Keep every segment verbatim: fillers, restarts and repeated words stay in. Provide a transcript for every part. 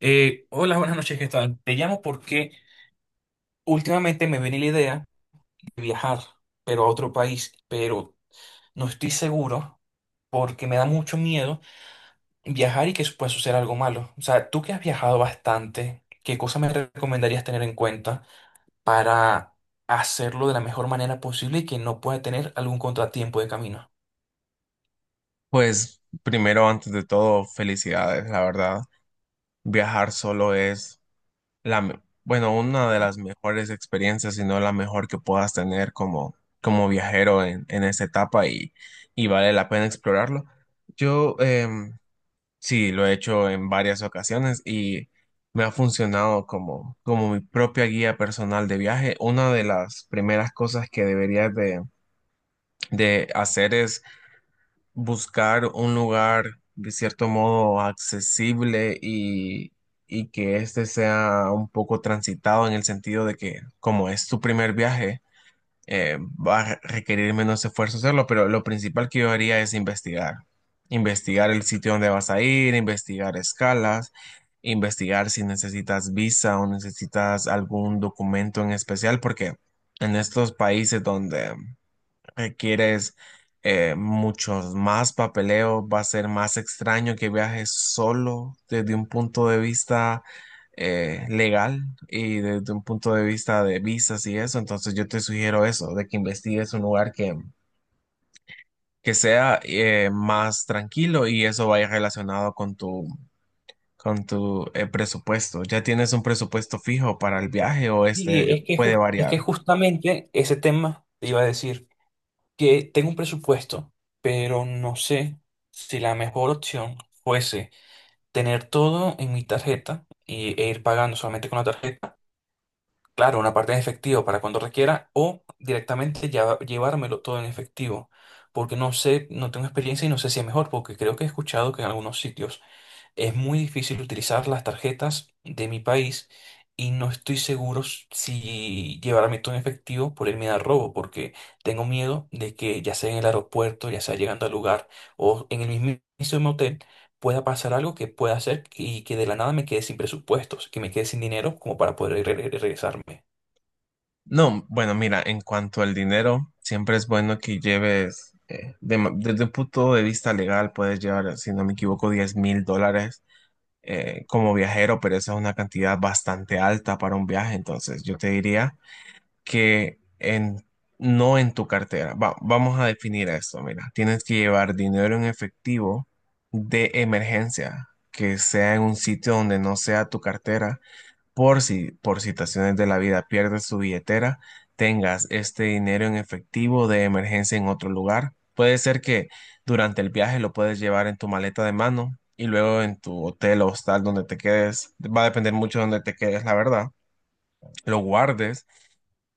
Eh, hola, buenas noches, ¿qué tal? Te llamo porque últimamente me viene la idea de viajar, pero a otro país, pero no estoy seguro porque me da mucho miedo viajar y que eso pueda suceder algo malo. O sea, tú que has viajado bastante, ¿qué cosas me recomendarías tener en cuenta para hacerlo de la mejor manera posible y que no pueda tener algún contratiempo de camino? Pues primero, antes de todo, felicidades, la verdad. Viajar solo es la, me- bueno, una de las mejores experiencias, si no la mejor que puedas tener como, como viajero en, en esta etapa y, y vale la pena explorarlo. Yo em, sí, lo he hecho en varias ocasiones y me ha funcionado como, como mi propia guía personal de viaje. Una de las primeras cosas que deberías de de hacer es buscar un lugar de cierto modo accesible y, y que este sea un poco transitado en el sentido de que como es tu primer viaje, eh, va a requerir menos esfuerzo hacerlo, pero lo principal que yo haría es investigar. Investigar el sitio donde vas a ir, investigar escalas, investigar si necesitas visa o necesitas algún documento en especial, porque en estos países donde requieres eh, muchos más papeleos, va a ser más extraño que viajes solo desde un punto de vista eh, legal y desde un punto de vista de visas y eso. Entonces yo te sugiero eso, de que investigues un lugar que, que sea eh, más tranquilo y eso vaya relacionado con tu con tu eh, presupuesto. ¿Ya tienes un presupuesto fijo para el viaje o Y este es que, puede ju- Es variar? que justamente ese tema te iba a decir, que tengo un presupuesto, pero no sé si la mejor opción fuese tener todo en mi tarjeta y, e ir pagando solamente con la tarjeta, claro, una parte en efectivo para cuando requiera, o directamente ya, llevármelo todo en efectivo, porque no sé, no tengo experiencia y no sé si es mejor, porque creo que he escuchado que en algunos sitios es muy difícil utilizar las tarjetas de mi país y no estoy seguro s- si llevarme todo en efectivo por el miedo al robo, porque tengo miedo de que ya sea en el aeropuerto, ya sea llegando al lugar o en el mismo hotel, pueda pasar algo que pueda hacer que- y que de la nada me quede sin presupuestos, que me quede sin dinero como para poder re- re- regresarme. No, bueno, mira, en cuanto al dinero, siempre es bueno que lleves, eh, de ma- desde un punto de vista legal, puedes llevar, si no me equivoco, diez mil dólares eh, como viajero, pero esa es una cantidad bastante alta para un viaje. Entonces, yo te diría que en, no en tu cartera. Va- vamos a definir esto, mira. Tienes que llevar dinero en efectivo de emergencia, que sea en un sitio donde no sea tu cartera por si, por situaciones de la vida pierdes tu billetera, tengas este dinero en efectivo de emergencia en otro lugar. Puede ser que durante el viaje lo puedes llevar en tu maleta de mano y luego en tu hotel o hostal donde te quedes. Va a depender mucho de donde te quedes, la verdad lo guardes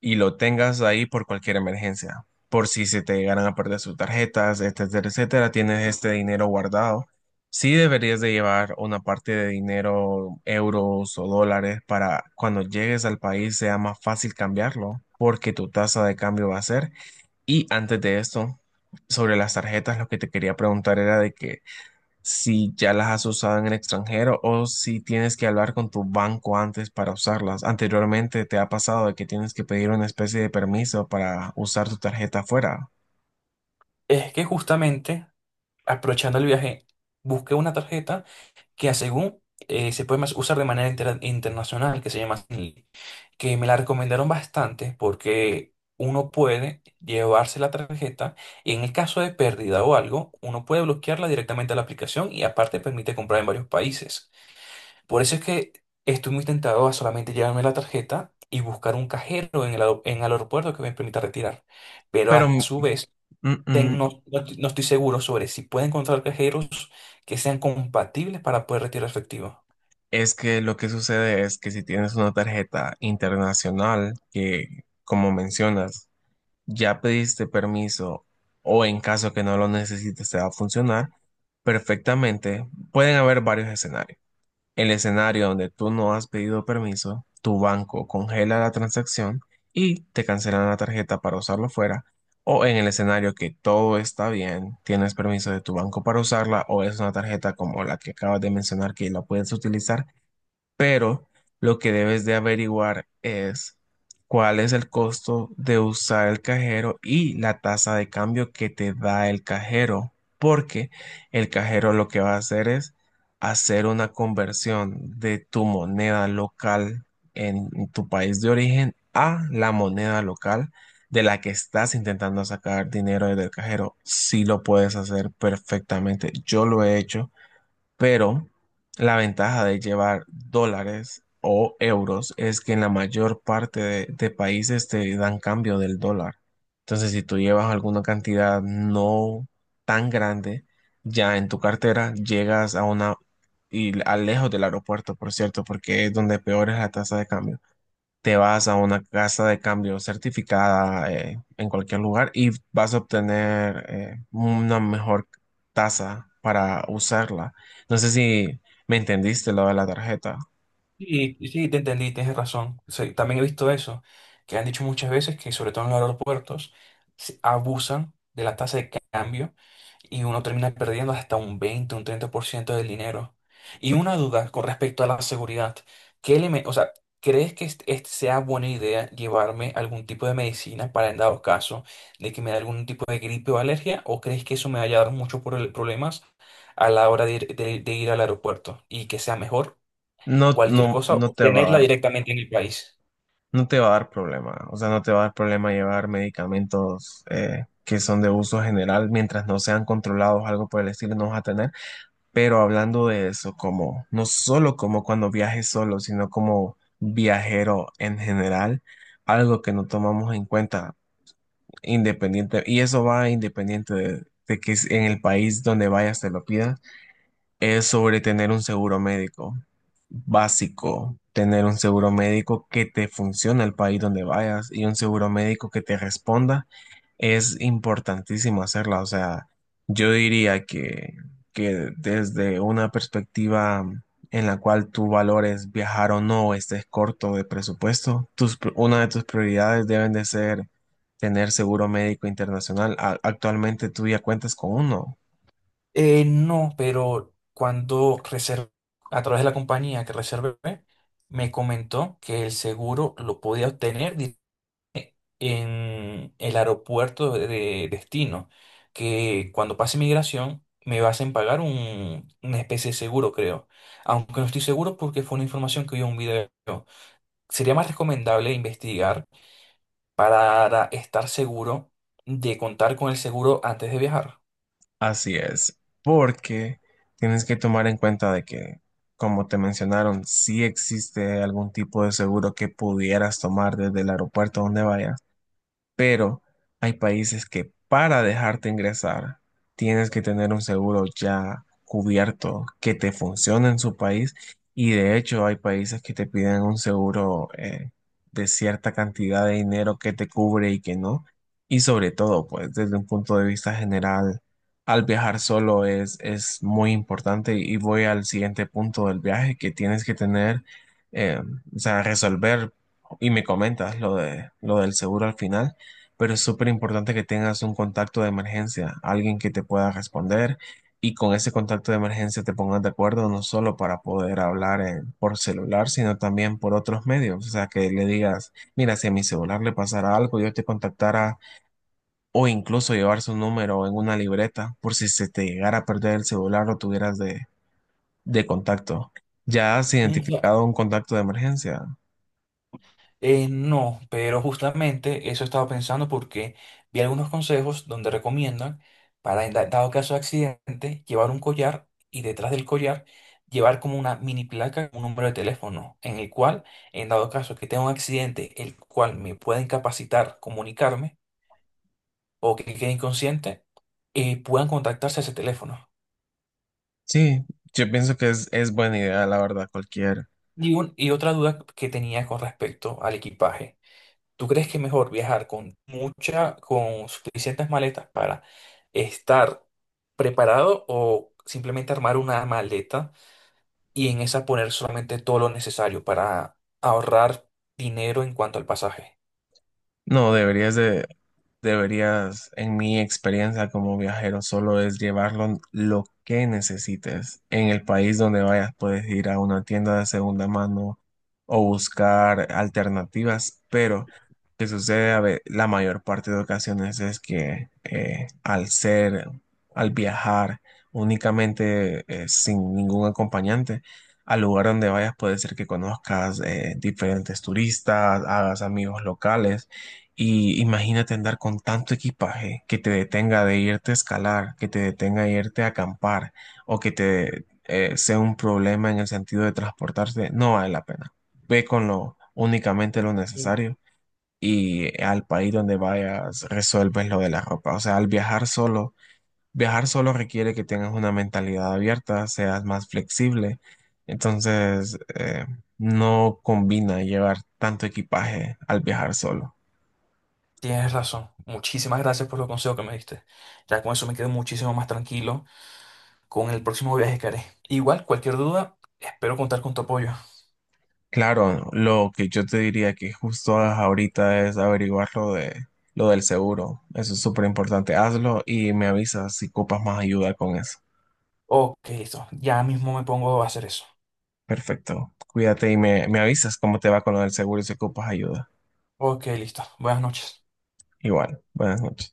y lo tengas ahí por cualquier emergencia. Por si se te llegaran a perder sus tarjetas, etcétera, etcétera, tienes este dinero guardado. Sí deberías de llevar una parte de dinero, euros o dólares, para cuando llegues al país sea más fácil cambiarlo, porque tu tasa de cambio va a ser. Y antes de esto, sobre las tarjetas, lo que te quería preguntar era de que si ya las has usado en el extranjero o si tienes que hablar con tu banco antes para usarlas. Anteriormente te ha pasado de que tienes que pedir una especie de permiso para usar tu tarjeta afuera. Es que justamente aprovechando el viaje, busqué una tarjeta que a según eh, se puede más usar de manera intera- internacional, que se llama Zenly, que me la recomendaron bastante porque uno puede llevarse la tarjeta y en el caso de pérdida o algo, uno puede bloquearla directamente a la aplicación y aparte permite comprar en varios países. Por eso es que estoy muy tentado a solamente llevarme la tarjeta y buscar un cajero en el, aer- en el aeropuerto que me permita retirar. Pero Pero a mm, su vez, mm, ten- no, no no estoy seguro sobre si puedo encontrar cajeros que sean compatibles para poder retirar efectivo. es que lo que sucede es que si tienes una tarjeta internacional que, como mencionas, ya pediste permiso o en caso que no lo necesites te va a funcionar perfectamente, pueden haber varios escenarios. El escenario donde tú no has pedido permiso, tu banco congela la transacción y te cancelan la tarjeta para usarlo fuera. O en el escenario que todo está bien, tienes permiso de tu banco para usarla o es una tarjeta como la que acabas de mencionar que la puedes utilizar pero lo que debes de averiguar es cuál es el costo de usar el cajero y la tasa de cambio que te da el cajero, porque el cajero lo que va a hacer es hacer una conversión de tu moneda local en tu país de origen a la moneda local de la que estás intentando sacar dinero desde el cajero. Sí lo puedes hacer perfectamente. Yo lo he hecho. Pero la ventaja de llevar dólares o euros es que en la mayor parte de, de países te dan cambio del dólar. Entonces, si tú llevas alguna cantidad no tan grande ya en tu cartera, llegas a una, y al lejos del aeropuerto, por cierto, porque es donde peor es la tasa de cambio te vas a una casa de cambio certificada eh, en cualquier lugar y vas a obtener eh, una mejor tasa para usarla. No sé si me entendiste lo de la tarjeta. Sí, sí, te entendí, tienes razón. Sí, también he visto eso, que han dicho muchas veces que sobre todo en los aeropuertos se abusan de la tasa de cambio y uno termina perdiendo hasta un veinte, un treinta por ciento del dinero. Y una duda con respecto a la seguridad. ¿Qué eleme- o sea, ¿crees que este- este sea buena idea llevarme algún tipo de medicina para en dado caso de que me dé algún tipo de gripe o alergia? ¿O crees que eso me vaya a dar muchos pro- problemas a la hora de ir de- de ir al aeropuerto y que sea mejor No, no, cualquier cosa, no o te va a tenerla dar, directamente en el país? no te va a dar problema. O sea, no te va a dar problema llevar medicamentos eh, que son de uso general mientras no sean controlados, algo por el estilo, no vas a tener. Pero hablando de eso, como no solo como cuando viajes solo, sino como viajero en general, algo que no tomamos en cuenta, independiente, y eso va independiente de, de que es- en el país donde vayas te lo pidas, es sobre tener un seguro médico básico, tener un seguro médico que te funcione el país donde vayas y un seguro médico que te responda es importantísimo hacerla, o sea, yo diría que, que desde una perspectiva en la cual tú valores viajar o no, o estés corto de presupuesto, tus, pr- una de tus prioridades deben de ser tener seguro médico internacional. A- actualmente tú ya cuentas con uno. Eh, no, pero cuando reservé, a través de la compañía que reservé, me comentó que el seguro lo podía obtener di- en el aeropuerto de de destino, que cuando pase migración me hacen pagar un- una especie de seguro, creo. Aunque no estoy seguro porque fue una información que vi en un video. Sería más recomendable investigar para estar seguro de contar con el seguro antes de viajar. Así es, porque tienes que tomar en cuenta de que, como te mencionaron, si existe algún tipo de seguro que pudieras tomar desde el aeropuerto donde vayas, pero hay países que para dejarte ingresar tienes que tener un seguro ya cubierto que te funcione en su país y de hecho hay países que te piden un seguro eh, de cierta cantidad de dinero que te cubre y que no. Y sobre todo, pues desde un punto de vista general, al viajar solo es, es muy importante y voy al siguiente punto del viaje que tienes que tener, eh, o sea, resolver y me comentas lo de, lo del seguro al final, pero es súper importante que tengas un contacto de emergencia, alguien que te pueda responder y con ese contacto de emergencia te pongas de acuerdo no solo para poder hablar eh, por celular, sino también por otros medios. O sea, que le digas, mira, si a mi celular le pasara algo, yo te contactara o incluso llevar su número en una libreta por si se te llegara a perder el celular o tuvieras de, de contacto. ¿Ya has Mm, ya. identificado un contacto de emergencia? Eh, no, pero justamente eso estaba pensando porque vi algunos consejos donde recomiendan para, en da- dado caso de accidente, llevar un collar y detrás del collar llevar como una mini placa, un número de teléfono, en el cual, en dado caso que tenga un accidente, el cual me pueda incapacitar comunicarme o que quede inconsciente, eh, puedan contactarse a ese teléfono. Sí, yo pienso que es, es buena idea, la verdad, cualquier. Y, un- y otra duda que tenía con respecto al equipaje. ¿Tú crees que es mejor viajar con mucha, con suficientes maletas para estar preparado o simplemente armar una maleta y en esa poner solamente todo lo necesario para ahorrar dinero en cuanto al pasaje? No, deberías de, deberías, en mi experiencia como viajero, solo es llevarlo lo que necesites. En el país donde vayas, puedes ir a una tienda de segunda mano o buscar alternativas, pero que sucede a ve- la mayor parte de ocasiones es que eh, al ser, al viajar únicamente eh, sin ningún acompañante, al lugar donde vayas puede ser que conozcas eh, diferentes turistas, hagas amigos locales y imagínate andar con tanto equipaje que te detenga de irte a escalar, que te detenga de irte a acampar o que te eh, sea un problema en el sentido de transportarse, no vale la pena. Ve con lo únicamente lo Mm. necesario y al país donde vayas resuelves lo de la ropa. O sea, al viajar solo, viajar solo requiere que tengas una mentalidad abierta, seas más flexible. Entonces, eh, no combina llevar tanto equipaje al viajar solo. Tienes razón. Muchísimas gracias por los consejos que me diste. Ya con eso me quedo muchísimo más tranquilo con el próximo viaje que haré. Igual, cualquier duda, espero contar con tu apoyo. Claro, lo que yo te diría que justo ahorita es averiguar lo de lo del seguro. Eso es súper importante. Hazlo y me avisas si ocupas más ayuda con eso. Ok, listo. Ya mismo me pongo a hacer eso. Perfecto. Cuídate y me, me avisas cómo te va con lo del seguro y si ocupas ayuda. Ok, listo. Buenas noches. Igual. Buenas noches.